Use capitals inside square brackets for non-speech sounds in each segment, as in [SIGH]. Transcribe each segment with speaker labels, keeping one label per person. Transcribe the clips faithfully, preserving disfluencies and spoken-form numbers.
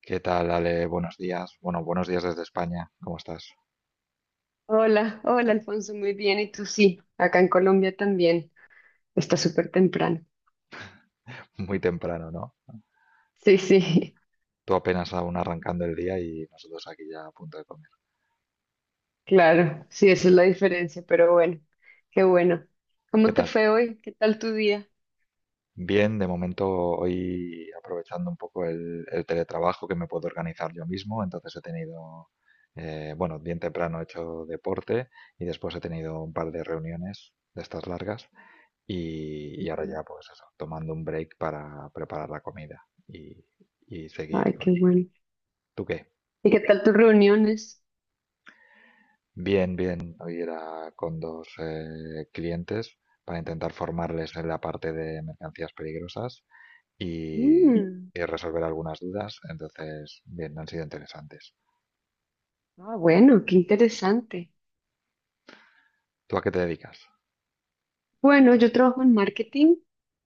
Speaker 1: ¿Qué tal, Ale? Buenos días. Bueno, buenos días desde España. ¿Cómo estás?
Speaker 2: Hola, hola Alfonso, muy bien. ¿Y tú sí? Acá en Colombia también. Está súper temprano.
Speaker 1: [LAUGHS] Muy temprano, ¿no?
Speaker 2: Sí, sí,
Speaker 1: Tú apenas aún arrancando el día y nosotros aquí ya a punto de comer.
Speaker 2: [LAUGHS] claro. Sí, esa es la diferencia, pero bueno, qué bueno.
Speaker 1: ¿Qué
Speaker 2: ¿Cómo te
Speaker 1: tal?
Speaker 2: fue hoy? ¿Qué tal tu día?
Speaker 1: Bien, de momento hoy aprovechando un poco el, el teletrabajo que me puedo organizar yo mismo, entonces he tenido, eh, bueno, bien temprano he hecho deporte y después he tenido un par de reuniones de estas largas y, y ahora
Speaker 2: Ujú.
Speaker 1: ya pues eso, tomando un break para preparar la comida y, y seguir
Speaker 2: Ay,
Speaker 1: con...
Speaker 2: qué bueno.
Speaker 1: ¿Tú qué?
Speaker 2: ¿Y qué tal tus reuniones?
Speaker 1: Bien, bien. Hoy era con dos eh, clientes para intentar formarles en la parte de mercancías peligrosas y, y
Speaker 2: Mm.
Speaker 1: resolver algunas dudas. Entonces, bien, han sido interesantes.
Speaker 2: Ah, bueno, qué interesante.
Speaker 1: ¿Tú a qué te dedicas?
Speaker 2: Bueno, yo trabajo en marketing,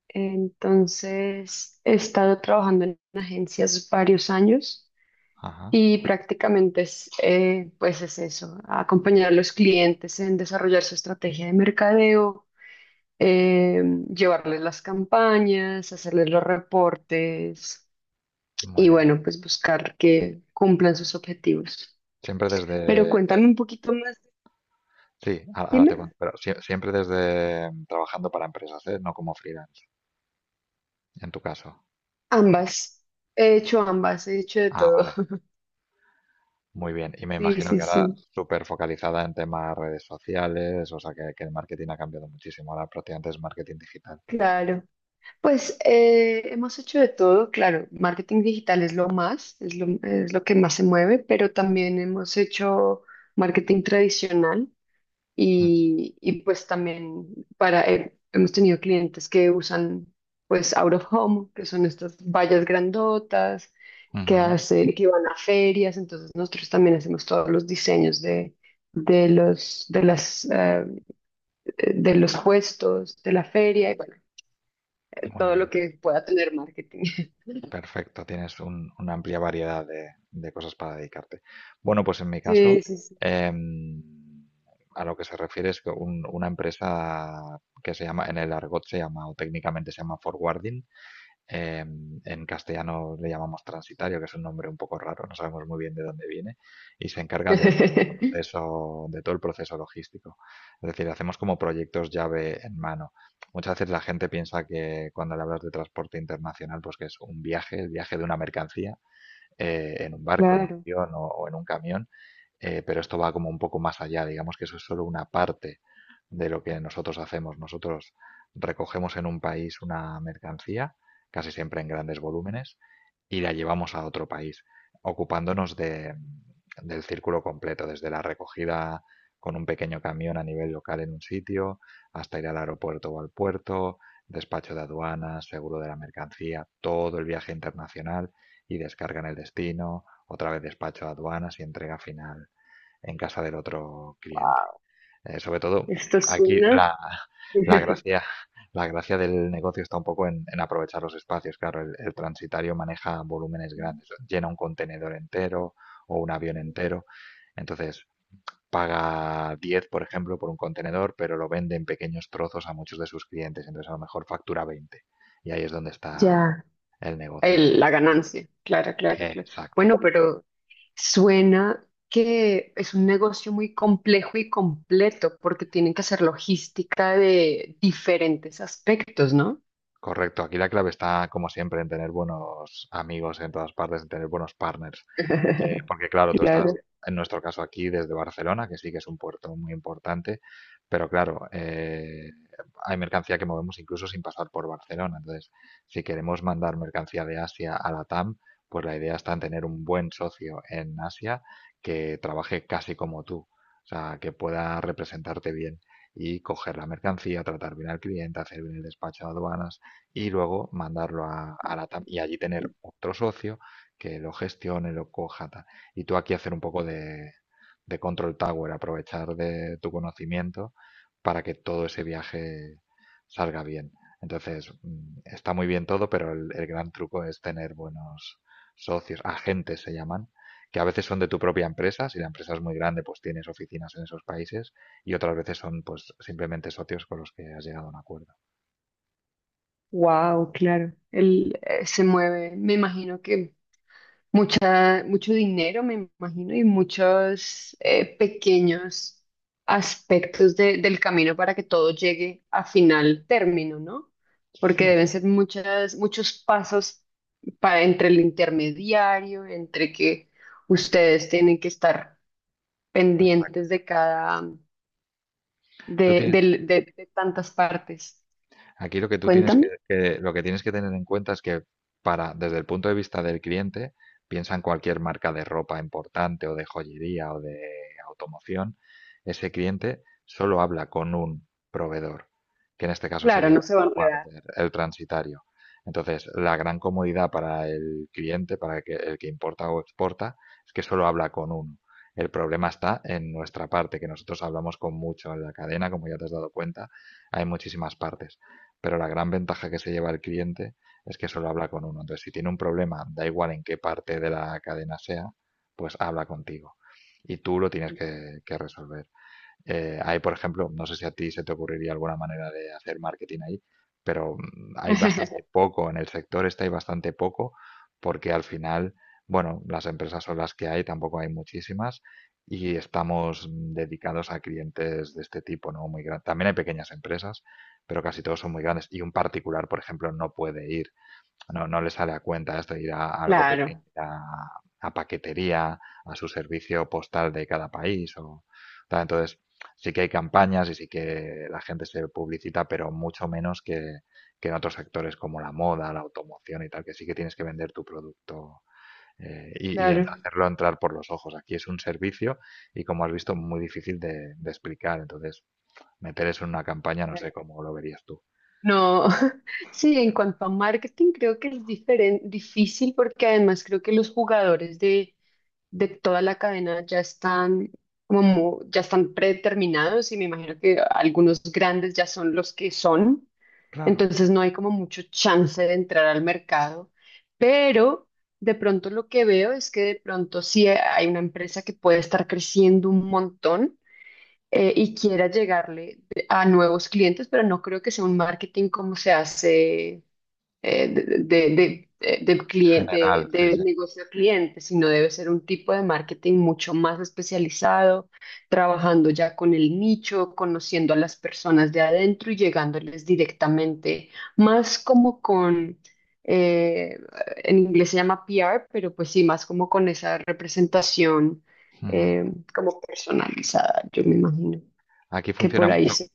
Speaker 2: entonces he estado trabajando en agencias varios años.
Speaker 1: Ajá,
Speaker 2: Y prácticamente es, eh, pues es eso, acompañar a los clientes en desarrollar su estrategia de mercadeo, eh, llevarles las campañas, hacerles los reportes
Speaker 1: muy
Speaker 2: y
Speaker 1: bien.
Speaker 2: bueno, pues buscar que cumplan sus objetivos.
Speaker 1: Siempre
Speaker 2: Pero
Speaker 1: desde...
Speaker 2: cuéntame un poquito más,
Speaker 1: Sí, a- ahora te
Speaker 2: dime,
Speaker 1: cuento, pero sie- siempre desde mm, trabajando para empresas, ¿eh? No como freelance, en tu caso.
Speaker 2: ambas, he hecho ambas, he hecho de
Speaker 1: Ah,
Speaker 2: todo.
Speaker 1: vale.
Speaker 2: [LAUGHS]
Speaker 1: Muy bien. Y me
Speaker 2: Sí,
Speaker 1: imagino
Speaker 2: sí,
Speaker 1: que ahora
Speaker 2: sí,
Speaker 1: súper focalizada en temas redes sociales, o sea que, que el marketing ha cambiado muchísimo. Ahora prácticamente es marketing digital.
Speaker 2: claro. Pues eh, hemos hecho de todo, claro, marketing digital es lo más, es lo, es lo que más se mueve, pero también hemos hecho marketing tradicional
Speaker 1: Mm,
Speaker 2: y, y pues también para, he- hemos tenido clientes que usan pues out of home, que son estas vallas grandotas que
Speaker 1: ujú.
Speaker 2: hacen, que van a ferias, entonces nosotros también hacemos todos los diseños de, de los, de las, eh, de los puestos, de la feria y bueno, de
Speaker 1: Muy
Speaker 2: todo lo
Speaker 1: bien,
Speaker 2: que pueda tener marketing.
Speaker 1: perfecto. Tienes un- una amplia variedad de, de cosas para dedicarte. Bueno, pues en mi caso,
Speaker 2: Sí, sí, sí.
Speaker 1: em, a lo que se refiere es que un- una empresa que se llama, en el argot se llama, o técnicamente se llama forwarding, Eh, en castellano le llamamos transitario, que es un nombre un poco raro, no sabemos muy bien de dónde viene, y se encarga de todo el
Speaker 2: [LAUGHS]
Speaker 1: proceso, de todo el proceso logístico. Es decir, hacemos como proyectos llave en mano. Muchas veces la gente piensa que cuando le hablas de transporte internacional, pues que es un viaje, el viaje de una mercancía eh, en un barco, en un
Speaker 2: Claro.
Speaker 1: avión o, o en un camión, eh, pero esto va como un poco más allá, digamos que eso es solo una parte de lo que nosotros hacemos. Nosotros recogemos en un país una mercancía, casi siempre en grandes volúmenes, y la llevamos a otro país, ocupándonos de, del círculo completo, desde la recogida con un pequeño camión a nivel local en un sitio, hasta ir al aeropuerto o al puerto, despacho de aduanas, seguro de la mercancía, todo el viaje internacional y descarga en el destino, otra vez despacho de aduanas y entrega final en casa del otro cliente.
Speaker 2: Wow.
Speaker 1: Eh, sobre todo,
Speaker 2: Esto
Speaker 1: aquí
Speaker 2: suena.
Speaker 1: la, la
Speaker 2: [LAUGHS]
Speaker 1: gracia, la gracia del negocio está un poco en, en aprovechar los espacios. Claro, el, el transitario maneja volúmenes grandes, llena un contenedor entero o un avión entero. Entonces, paga diez, por ejemplo, por un contenedor, pero lo vende en pequeños trozos a muchos de sus clientes. Entonces, a lo mejor factura veinte. Y ahí es donde está
Speaker 2: Ya.
Speaker 1: el negocio.
Speaker 2: El- la ganancia. Claro, claro, claro. Bueno,
Speaker 1: Exacto.
Speaker 2: pero suena que es un negocio muy complejo y completo porque tienen que hacer logística de diferentes aspectos, ¿no?
Speaker 1: Correcto, aquí la clave está, como siempre, en tener buenos amigos en todas partes, en tener buenos partners. Eh,
Speaker 2: [LAUGHS]
Speaker 1: porque claro, tú
Speaker 2: Claro,
Speaker 1: estás, en nuestro caso aquí, desde Barcelona, que sí que es un puerto muy importante, pero claro, eh, hay mercancía que movemos incluso sin pasar por Barcelona. Entonces, si queremos mandar mercancía de Asia a la Tam, pues la idea está en tener un buen socio en Asia que trabaje casi como tú, o sea, que pueda representarte bien y coger la mercancía, tratar bien al cliente, hacer bien el despacho de aduanas y luego mandarlo a, a la Tam y allí tener otro socio que lo gestione, lo coja. Tal. Y tú aquí hacer un poco de, de control tower, aprovechar de tu conocimiento para que todo ese viaje salga bien. Entonces, mm, está muy bien todo, pero el, el gran truco es tener buenos socios, agentes se llaman, que a veces son de tu propia empresa, si la empresa es muy grande, pues tienes oficinas en esos países, y otras veces son pues simplemente socios con los que has llegado a un acuerdo.
Speaker 2: wow, claro. Él eh, se mueve, me imagino que mucha, mucho dinero, me imagino, y muchos eh, pequeños aspectos de- del camino para que todo llegue a final término, ¿no? Porque
Speaker 1: Sí.
Speaker 2: deben ser muchas, muchos pasos para, entre el intermediario, entre que ustedes tienen que estar
Speaker 1: Exacto.
Speaker 2: pendientes de cada,
Speaker 1: ¿Tú
Speaker 2: de,
Speaker 1: tienes
Speaker 2: del- de- de tantas partes.
Speaker 1: Aquí lo que tú tienes que,
Speaker 2: Cuéntame.
Speaker 1: que- lo que tienes que tener en cuenta es que para, desde el punto de vista del cliente, piensa en cualquier marca de ropa importante o de joyería o de automoción, ese cliente solo habla con un proveedor, que en este caso
Speaker 2: Claro,
Speaker 1: sería
Speaker 2: no se va a enredar.
Speaker 1: Warner, el transitario. Entonces, la gran comodidad para el cliente, para el que, el que importa o exporta, es que solo habla con uno. El problema está en nuestra parte, que nosotros hablamos con mucho en la cadena, como ya te has dado cuenta, hay muchísimas partes, pero la gran ventaja que se lleva el cliente es que solo habla con uno. Entonces, si tiene un problema, da igual en qué parte de la cadena sea, pues habla contigo. Y tú lo tienes que, que resolver. Eh, hay, por ejemplo, no sé si a ti se te ocurriría alguna manera de hacer marketing ahí, pero mm, hay bastante
Speaker 2: [LAUGHS]
Speaker 1: poco en el sector, este hay bastante poco, porque al final, bueno, las empresas son las que hay, tampoco hay muchísimas, y estamos mm, dedicados a clientes de este tipo, ¿no? Muy grandes. También hay pequeñas empresas, pero casi todos son muy grandes, y un particular, por ejemplo, no puede ir. No, no le sale a cuenta esto de ir a algo pequeño,
Speaker 2: Claro,
Speaker 1: ir a, a paquetería, a su servicio postal de cada país o tal. Entonces, sí que hay campañas y sí que la gente se publicita, pero mucho menos que, que en otros sectores como la moda, la automoción y tal, que sí que tienes que vender tu producto eh, y, y en-
Speaker 2: claro.
Speaker 1: hacerlo entrar por los ojos. Aquí es un servicio y como has visto, muy difícil de, de explicar. Entonces, meter eso en una campaña, no sé cómo lo verías tú.
Speaker 2: No, [LAUGHS] sí, en cuanto a marketing creo que es diferen- difícil porque además creo que los jugadores de, de toda la cadena ya están como mu- ya están predeterminados y me imagino que algunos grandes ya son los que son,
Speaker 1: Claro.
Speaker 2: entonces no hay como mucho chance de entrar al mercado, pero de pronto lo que veo es que de pronto sí hay una empresa que puede estar creciendo un montón eh, y quiera llegarle a nuevos clientes, pero no creo que sea un marketing como se hace eh, de, de, de, de- de cliente,
Speaker 1: General,
Speaker 2: de,
Speaker 1: sí,
Speaker 2: de
Speaker 1: sí.
Speaker 2: negocio a cliente, sino debe ser un tipo de marketing mucho más especializado, trabajando ya con el nicho, conociendo a las personas de adentro y llegándoles directamente, más como con... eh, en inglés se llama P R, pero pues sí, más como con esa representación
Speaker 1: Ujú.
Speaker 2: eh, como personalizada, yo me imagino
Speaker 1: Aquí
Speaker 2: que
Speaker 1: funciona
Speaker 2: por ahí
Speaker 1: mucho.
Speaker 2: sí,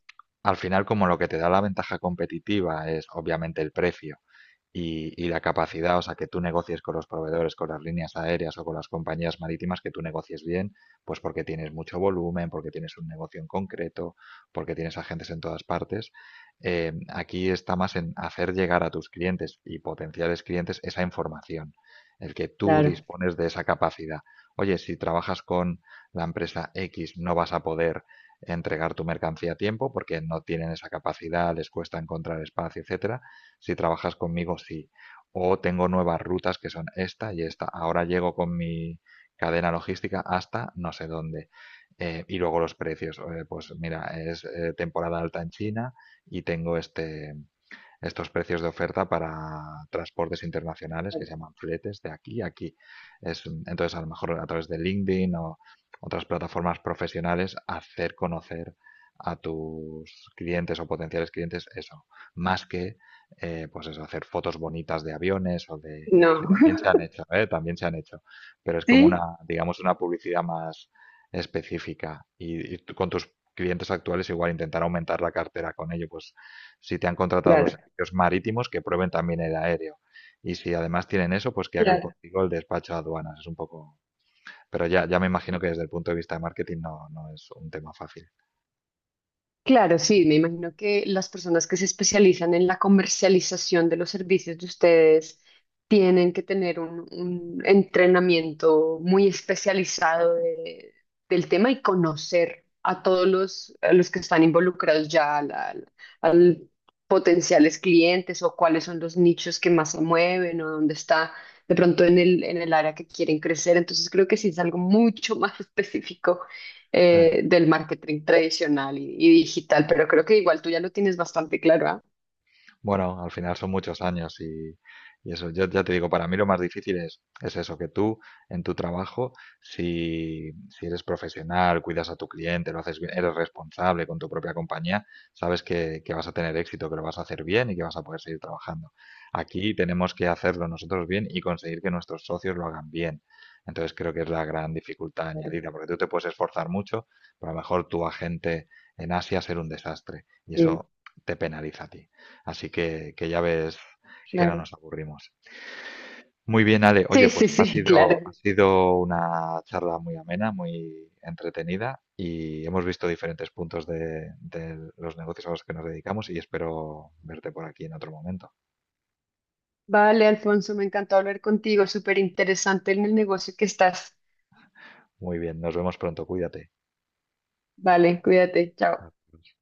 Speaker 1: Al final, como lo que te da la ventaja competitiva es obviamente el precio y, y la capacidad, o sea, que tú negocies con los proveedores, con las líneas aéreas o con las compañías marítimas, que tú negocies bien, pues porque tienes mucho volumen, porque tienes un negocio en concreto, porque tienes agentes en todas partes. Eh, aquí está más en hacer llegar a tus clientes y potenciales clientes esa información, el que tú
Speaker 2: claro.
Speaker 1: dispones de esa capacidad. Oye, si trabajas con la empresa equis, no vas a poder entregar tu mercancía a tiempo porque no tienen esa capacidad, les cuesta encontrar espacio, etcétera. Si trabajas conmigo, sí. O tengo nuevas rutas que son esta y esta. Ahora llego con mi cadena logística hasta no sé dónde. Eh, y luego los precios. eh, pues mira, es eh, temporada alta en China y tengo este, estos precios de oferta para transportes internacionales que se llaman fletes de aquí a aquí. Es, entonces, a lo mejor a través de LinkedIn o otras plataformas profesionales, hacer conocer a tus clientes o potenciales clientes eso, más que eh, pues eso, hacer fotos bonitas de aviones o de que
Speaker 2: No,
Speaker 1: también se
Speaker 2: [LAUGHS]
Speaker 1: han hecho, ¿eh? También se han hecho, pero es como
Speaker 2: sí,
Speaker 1: una, digamos, una publicidad más específica y, y tú con tus clientes actuales igual intentar aumentar la cartera con ello, pues si te han contratado los
Speaker 2: claro.
Speaker 1: servicios marítimos, que prueben también el aéreo. Y si además tienen eso, pues que hagan
Speaker 2: Claro.
Speaker 1: contigo el despacho a aduanas. Es un poco... Pero ya, ya me imagino que desde el punto de vista de marketing no, no es un tema fácil.
Speaker 2: Claro, sí, me imagino que las personas que se especializan en la comercialización de los servicios de ustedes tienen que tener un, un entrenamiento muy especializado de- del tema y conocer a todos los, a los que están involucrados ya al, al- al potenciales clientes o cuáles son los nichos que más se mueven o dónde está de pronto en el, en el área que quieren crecer. Entonces creo que sí es algo mucho [LAUGHS] más específico
Speaker 1: Sí.
Speaker 2: eh, del marketing tradicional y, y digital, pero creo que igual tú ya lo tienes bastante claro, ¿ah?
Speaker 1: Bueno, al final son muchos años y, y eso, yo ya te digo, para mí lo más difícil es, es eso, que tú en tu trabajo, si, si eres profesional, cuidas a tu cliente, lo haces bien, eres responsable con tu propia compañía, sabes que, que vas a tener éxito, que lo vas a hacer bien y que vas a poder seguir trabajando. Aquí tenemos que hacerlo nosotros bien y conseguir que nuestros socios lo hagan bien. Entonces creo que es la gran dificultad
Speaker 2: Claro.
Speaker 1: añadida, porque tú te puedes esforzar mucho, pero a lo mejor tu agente en Asia ser un desastre y
Speaker 2: Sí,
Speaker 1: eso te penaliza a ti. Así que, que ya ves que no
Speaker 2: claro.
Speaker 1: nos aburrimos. Muy bien, Ale. Oye,
Speaker 2: Sí, sí,
Speaker 1: pues ha
Speaker 2: sí, [LAUGHS] claro.
Speaker 1: sido, ha sido una charla muy amena, muy entretenida y hemos visto diferentes puntos de, de los negocios a los que nos dedicamos y espero verte por aquí en otro momento.
Speaker 2: Vale, Alfonso, me encantó hablar contigo, súper interesante en el negocio que estás.
Speaker 1: Muy bien, nos vemos pronto. Cuídate.
Speaker 2: Vale, cuídate, chao.
Speaker 1: Adiós.